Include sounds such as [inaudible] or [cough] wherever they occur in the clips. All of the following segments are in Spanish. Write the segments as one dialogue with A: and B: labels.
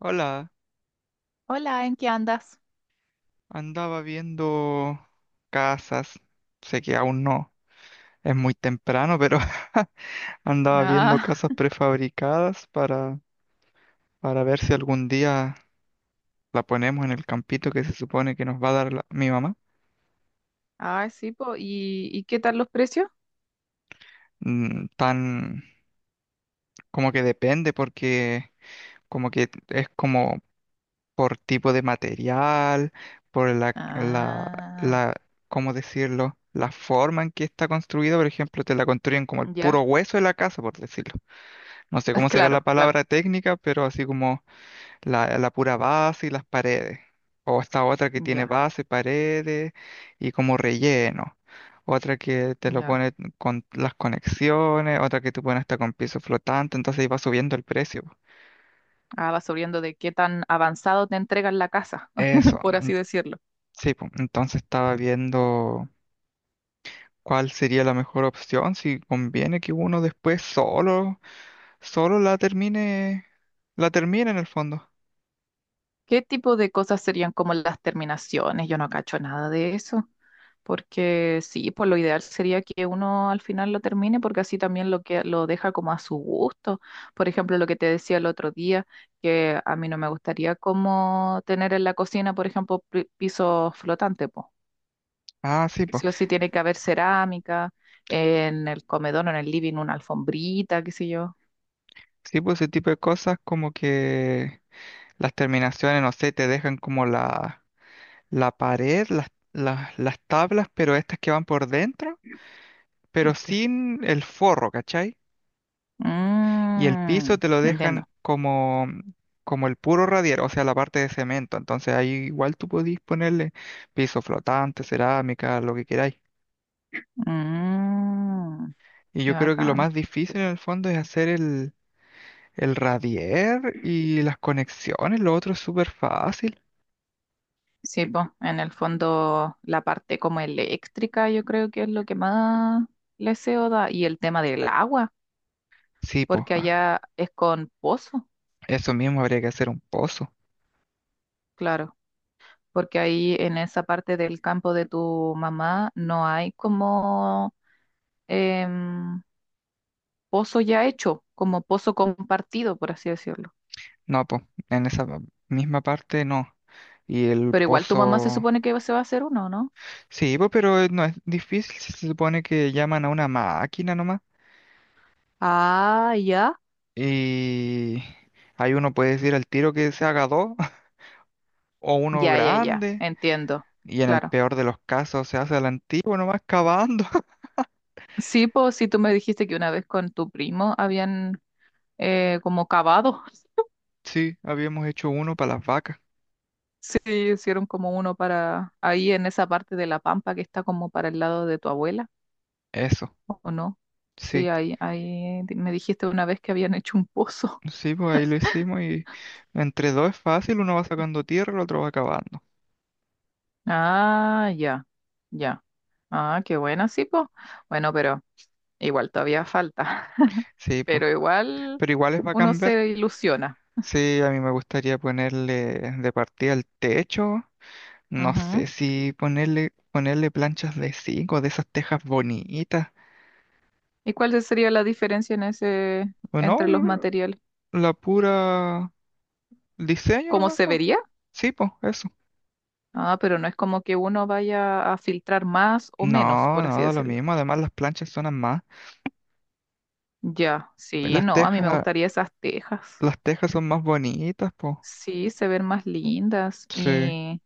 A: Hola,
B: Hola, ¿en qué andas?
A: andaba viendo casas. Sé que aún no es muy temprano, pero [laughs] andaba viendo
B: Ah,
A: casas prefabricadas para ver si algún día la ponemos en el campito que se supone que nos va a dar mi mamá.
B: sí, po. ¿Y, qué tal los precios?
A: Tan como que depende porque como que es como por tipo de material, por la, la,
B: Ah,
A: la, ¿cómo decirlo? La forma en que está construida. Por ejemplo, te la construyen como el puro
B: ya,
A: hueso de la casa, por decirlo. No sé
B: [laughs]
A: cómo será la
B: claro, claro,
A: palabra técnica, pero así como la pura base y las paredes. O esta otra que tiene
B: ya,
A: base, paredes y como relleno. Otra que te lo
B: ya.
A: pone con las conexiones, otra que te pone hasta con piso flotante, entonces iba subiendo el precio.
B: Ah, va subiendo de qué tan avanzado te entregan la casa,
A: Eso,
B: [laughs] por así decirlo.
A: sí, pues entonces estaba viendo cuál sería la mejor opción, si conviene que uno después solo la termine en el fondo.
B: ¿Qué tipo de cosas serían como las terminaciones? Yo no cacho nada de eso, porque sí, pues lo ideal sería que uno al final lo termine, porque así también lo que lo deja como a su gusto. Por ejemplo, lo que te decía el otro día, que a mí no me gustaría como tener en la cocina, por ejemplo, pisos flotantes, pues.
A: Ah, sí, pues.
B: Sí o sí tiene que haber cerámica, en el comedor o en el living una alfombrita, qué sé yo.
A: Sí, pues ese tipo de cosas, como que las terminaciones, no sé, te dejan como la pared, las tablas, pero estas que van por dentro, pero
B: Ya.
A: sin el forro, ¿cachai? Y el piso
B: Mm,
A: te lo dejan
B: entiendo.
A: como el puro radier, o sea, la parte de cemento. Entonces ahí igual tú podís ponerle piso flotante, cerámica, lo que queráis.
B: Mm,
A: Y
B: qué
A: yo creo que lo
B: bacán.
A: más difícil en el fondo es hacer el radier y las conexiones, lo otro es súper fácil.
B: Sí, pues, en el fondo la parte como eléctrica yo creo que es lo que más le SEO da, y el tema del agua,
A: Sí, pues.
B: porque
A: Ah,
B: allá es con pozo,
A: eso mismo, habría que hacer un pozo.
B: claro, porque ahí en esa parte del campo de tu mamá no hay como em, pozo ya hecho, como pozo compartido, por así decirlo.
A: No, pues, en esa misma parte no. Y el
B: Pero igual tu mamá se
A: pozo...
B: supone que se va a hacer uno, ¿no?
A: Sí, pues, pero no es difícil, si se supone que llaman a una máquina nomás.
B: Ah, ya,
A: Y ahí uno puede decir al tiro que se haga dos [laughs] o uno
B: ya, ya, ya,
A: grande.
B: entiendo,
A: Y en el
B: claro.
A: peor de los casos se hace al antiguo nomás cavando. [laughs]
B: Sí, pues si tú me dijiste que una vez con tu primo habían como cavados. [laughs]
A: Sí, habíamos hecho uno para las vacas.
B: Sí, hicieron como uno para ahí en esa parte de la pampa que está como para el lado de tu abuela,
A: Eso,
B: ¿o no? Sí,
A: sí.
B: ahí, ahí me dijiste una vez que habían [laughs] hecho un pozo.
A: Sí, pues ahí lo hicimos y entre dos es fácil, uno va sacando tierra, el otro va cavando.
B: Ah, ya, ya. Ah, qué buena, sí, pues. Bueno, pero igual todavía falta, [laughs]
A: Sí, pues.
B: pero igual
A: Pero igual es
B: uno
A: bacán ver.
B: se ilusiona.
A: Sí, a mí me gustaría ponerle de partida el techo. No
B: Ujú.
A: sé si ponerle planchas de zinc o de esas tejas bonitas.
B: ¿Y cuál sería la diferencia en ese,
A: O no,
B: entre los materiales?
A: la pura diseño
B: ¿Cómo
A: nomás,
B: se
A: po.
B: vería?
A: Sí, pues, eso.
B: Ah, pero no es como que uno vaya a filtrar más o menos,
A: No,
B: por así
A: no, da lo
B: decirlo.
A: mismo. Además, las planchas son más.
B: Ya, sí,
A: Las
B: no, a mí me
A: tejas,
B: gustaría esas tejas.
A: las tejas son más bonitas, pues.
B: Sí, se ven más lindas
A: Sí,
B: y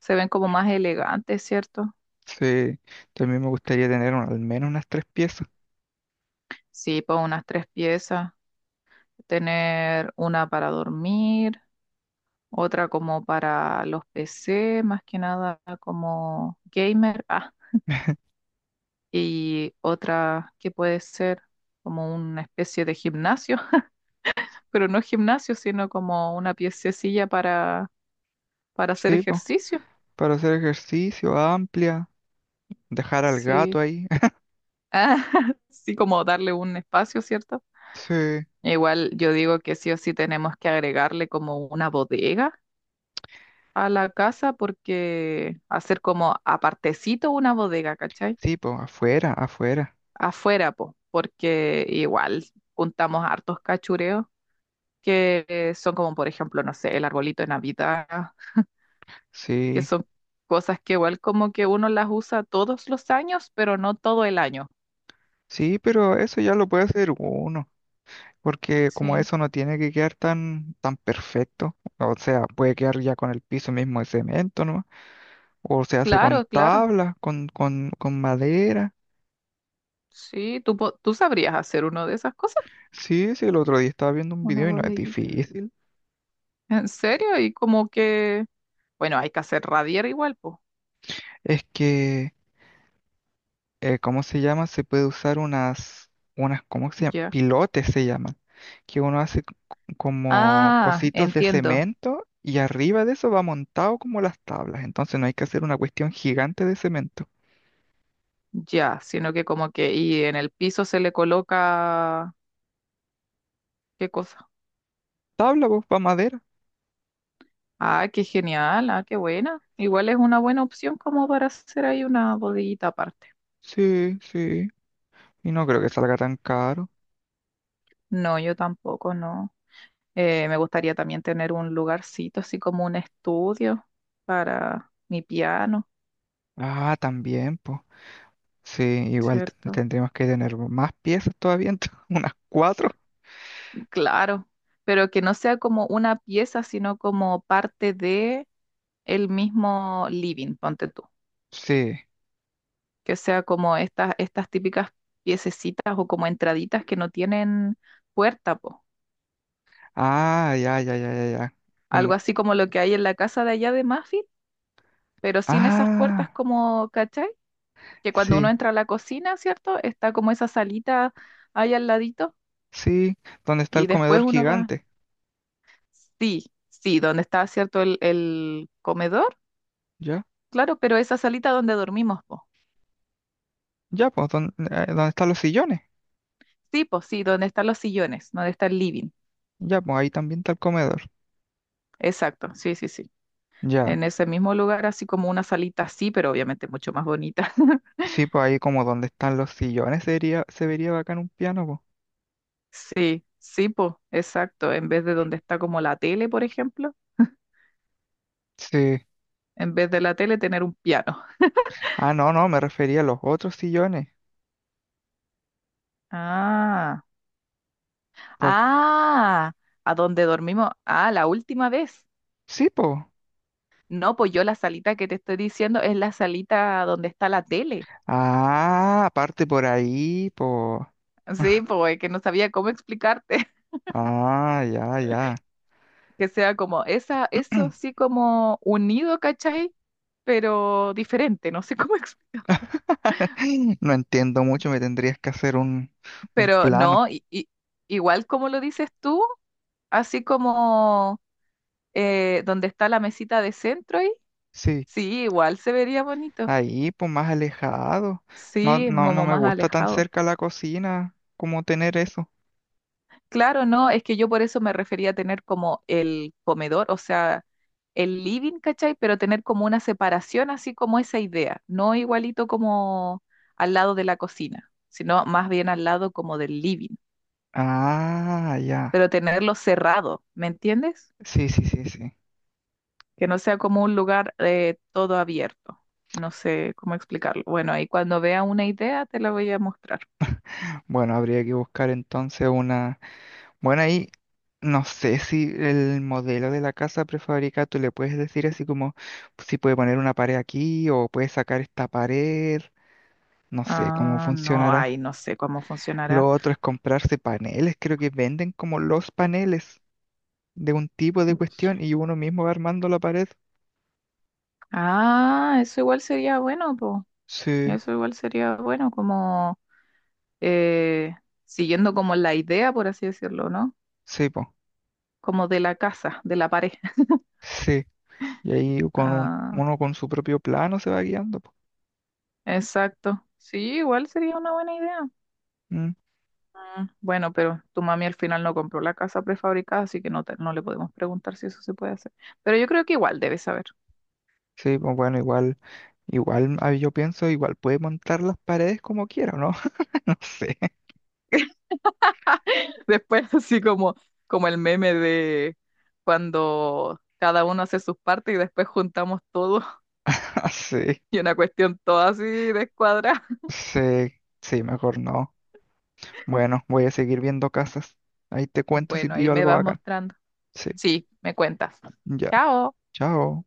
B: se ven como más elegantes, ¿cierto?
A: sí. También me gustaría tener al menos unas tres piezas.
B: Sí, pues unas tres piezas, tener una para dormir, otra como para los PC, más que nada como gamer, ah,
A: [laughs]
B: y otra que puede ser como una especie de gimnasio. [laughs] Pero no gimnasio, sino como una piececilla para hacer
A: Sí, pues,
B: ejercicio.
A: para hacer ejercicio amplia, dejar al gato
B: Sí.
A: ahí. [laughs]
B: Ah, [laughs] sí, como darle un espacio, ¿cierto?
A: Sí.
B: Igual yo digo que sí o sí tenemos que agregarle como una bodega a la casa, porque hacer como apartecito una bodega, ¿cachai?
A: Sí, pues afuera, afuera.
B: Afuera, po, porque igual juntamos hartos cachureos que son como, por ejemplo, no sé, el arbolito de Navidad, que
A: Sí,
B: son cosas que igual como que uno las usa todos los años, pero no todo el año.
A: sí, pero eso ya lo puede hacer uno, porque como
B: Sí,
A: eso no tiene que quedar tan, tan perfecto, o sea, puede quedar ya con el piso mismo de cemento, ¿no? O se hace con
B: claro, claro.
A: tablas, con madera.
B: Sí, tú, tú sabrías hacer uno de esas cosas,
A: Sí, sí, el otro día estaba viendo un
B: una
A: video y no es
B: bodeguita.
A: difícil.
B: ¿En serio? Y como que, bueno, hay que hacer radier igual, pues.
A: Es que, ¿cómo se llama? Se puede usar unas, ¿cómo se llama?
B: Ya.
A: Pilotes se llaman, que uno hace como
B: Ah,
A: cositos de
B: entiendo.
A: cemento y arriba de eso va montado como las tablas. Entonces no hay que hacer una cuestión gigante de cemento.
B: Ya, sino que como que, y en el piso se le coloca, ¿qué cosa?
A: Tabla, pues, va madera.
B: Ah, qué genial, ah, qué buena. Igual es una buena opción como para hacer ahí una bodeguita aparte.
A: Sí, sí. Y no creo que salga tan caro.
B: No, yo tampoco, no. Me gustaría también tener un lugarcito, así como un estudio para mi piano,
A: Ah, también, pues. Sí, igual
B: ¿cierto?
A: tendríamos que tener más piezas todavía, entonces, [laughs] unas cuatro.
B: Claro, pero que no sea como una pieza, sino como parte de el mismo living, ponte tú.
A: Sí.
B: Que sea como estas, estas típicas piececitas o como entraditas que no tienen puerta, po.
A: Ah, ya, ya, ya, ya, ya.
B: Algo
A: Como,
B: así como lo que hay en la casa de allá de Muffin, pero sin esas puertas
A: ah,
B: como, ¿cachai? Que cuando uno
A: sí,
B: entra a la cocina, ¿cierto? Está como esa salita ahí al ladito.
A: sí. ¿Dónde está el
B: Y después
A: comedor
B: uno va,
A: gigante?
B: sí, sí, donde está, ¿cierto? El comedor,
A: Ya,
B: claro, pero esa salita donde dormimos, po.
A: ya, pues, ¿dónde, dónde están los sillones?
B: Sí, pues sí, donde están los sillones, donde está el living.
A: Ya, pues, ahí también está el comedor.
B: Exacto, sí, sí, sí.
A: Ya,
B: En ese mismo lugar, así como una salita así, pero obviamente mucho más bonita. [laughs]
A: sí, pues ahí como donde están los sillones sería, se vería bacán un piano, pues.
B: Sí, sí, pues, exacto. En vez de donde está como la tele, por ejemplo,
A: Sí.
B: en vez de la tele tener un piano.
A: Ah, no, no, me refería a los otros sillones.
B: Ah,
A: Por...
B: ah, a donde dormimos, ah, la última vez.
A: Sí, pues.
B: No, pues yo la salita que te estoy diciendo es la salita donde está la tele.
A: Ah, aparte por ahí, pues.
B: Sí,
A: [laughs]
B: pues que no sabía cómo explicarte. [laughs]
A: Ah, ya, ya.
B: Que sea como esa, eso sí
A: [clears throat]
B: como unido, ¿cachai? Pero diferente, no sé cómo [laughs] explicarlo.
A: No entiendo mucho, me tendrías que hacer un
B: Pero
A: plano.
B: no, igual como lo dices tú, así como donde está la mesita de centro ahí,
A: Sí,
B: sí, igual se vería bonito.
A: ahí, pues más alejado. No,
B: Sí,
A: no, no
B: como
A: me
B: más
A: gusta tan
B: alejado.
A: cerca la cocina como tener eso.
B: Claro, no, es que yo por eso me refería a tener como el comedor, o sea, el living, ¿cachai? Pero tener como una separación, así como esa idea, no igualito como al lado de la cocina, sino más bien al lado como del living,
A: Ah, ya.
B: pero tenerlo cerrado, ¿me entiendes?
A: Sí, sí, sí, sí.
B: Que no sea como un lugar todo abierto. No sé cómo explicarlo. Bueno, ahí cuando vea una idea te la voy a mostrar.
A: Bueno, habría que buscar entonces una... Bueno, ahí no sé si el modelo de la casa prefabricada tú le puedes decir así como si puede poner una pared aquí o puede sacar esta pared, no sé cómo
B: Ah, no, ay,
A: funcionará.
B: no sé cómo funcionará.
A: Lo otro es comprarse paneles, creo que venden como los paneles de un tipo de cuestión y uno mismo va armando la pared.
B: Ah, eso igual sería bueno, pues.
A: Sí,
B: Eso igual sería bueno, como eh, siguiendo como la idea, por así decirlo, ¿no?
A: sí, po,
B: Como de la casa, de la pared. [laughs]
A: sí. Y ahí con
B: Ah,
A: uno con su propio plano se va guiando, po.
B: exacto. Sí, igual sería una buena idea.
A: Mm,
B: Mm, bueno, pero tu mami al final no compró la casa prefabricada, así que no, no le podemos preguntar si eso se puede hacer. Pero yo creo que igual debe saber.
A: Sí, pues bueno, igual igual, yo pienso, igual puede montar las paredes como quiera, ¿no? [laughs] No sé,
B: [laughs] Después, como el meme de cuando cada uno hace sus partes y después juntamos todo
A: [laughs] sí,
B: [laughs] y una cuestión toda así descuadrada.
A: sí, sí, mejor no. Bueno, voy a seguir viendo casas. Ahí te cuento si
B: Bueno, ahí
A: pillo
B: me
A: algo
B: vas
A: bacán.
B: mostrando.
A: Sí,
B: Sí, me cuentas.
A: ya,
B: Chao.
A: chao.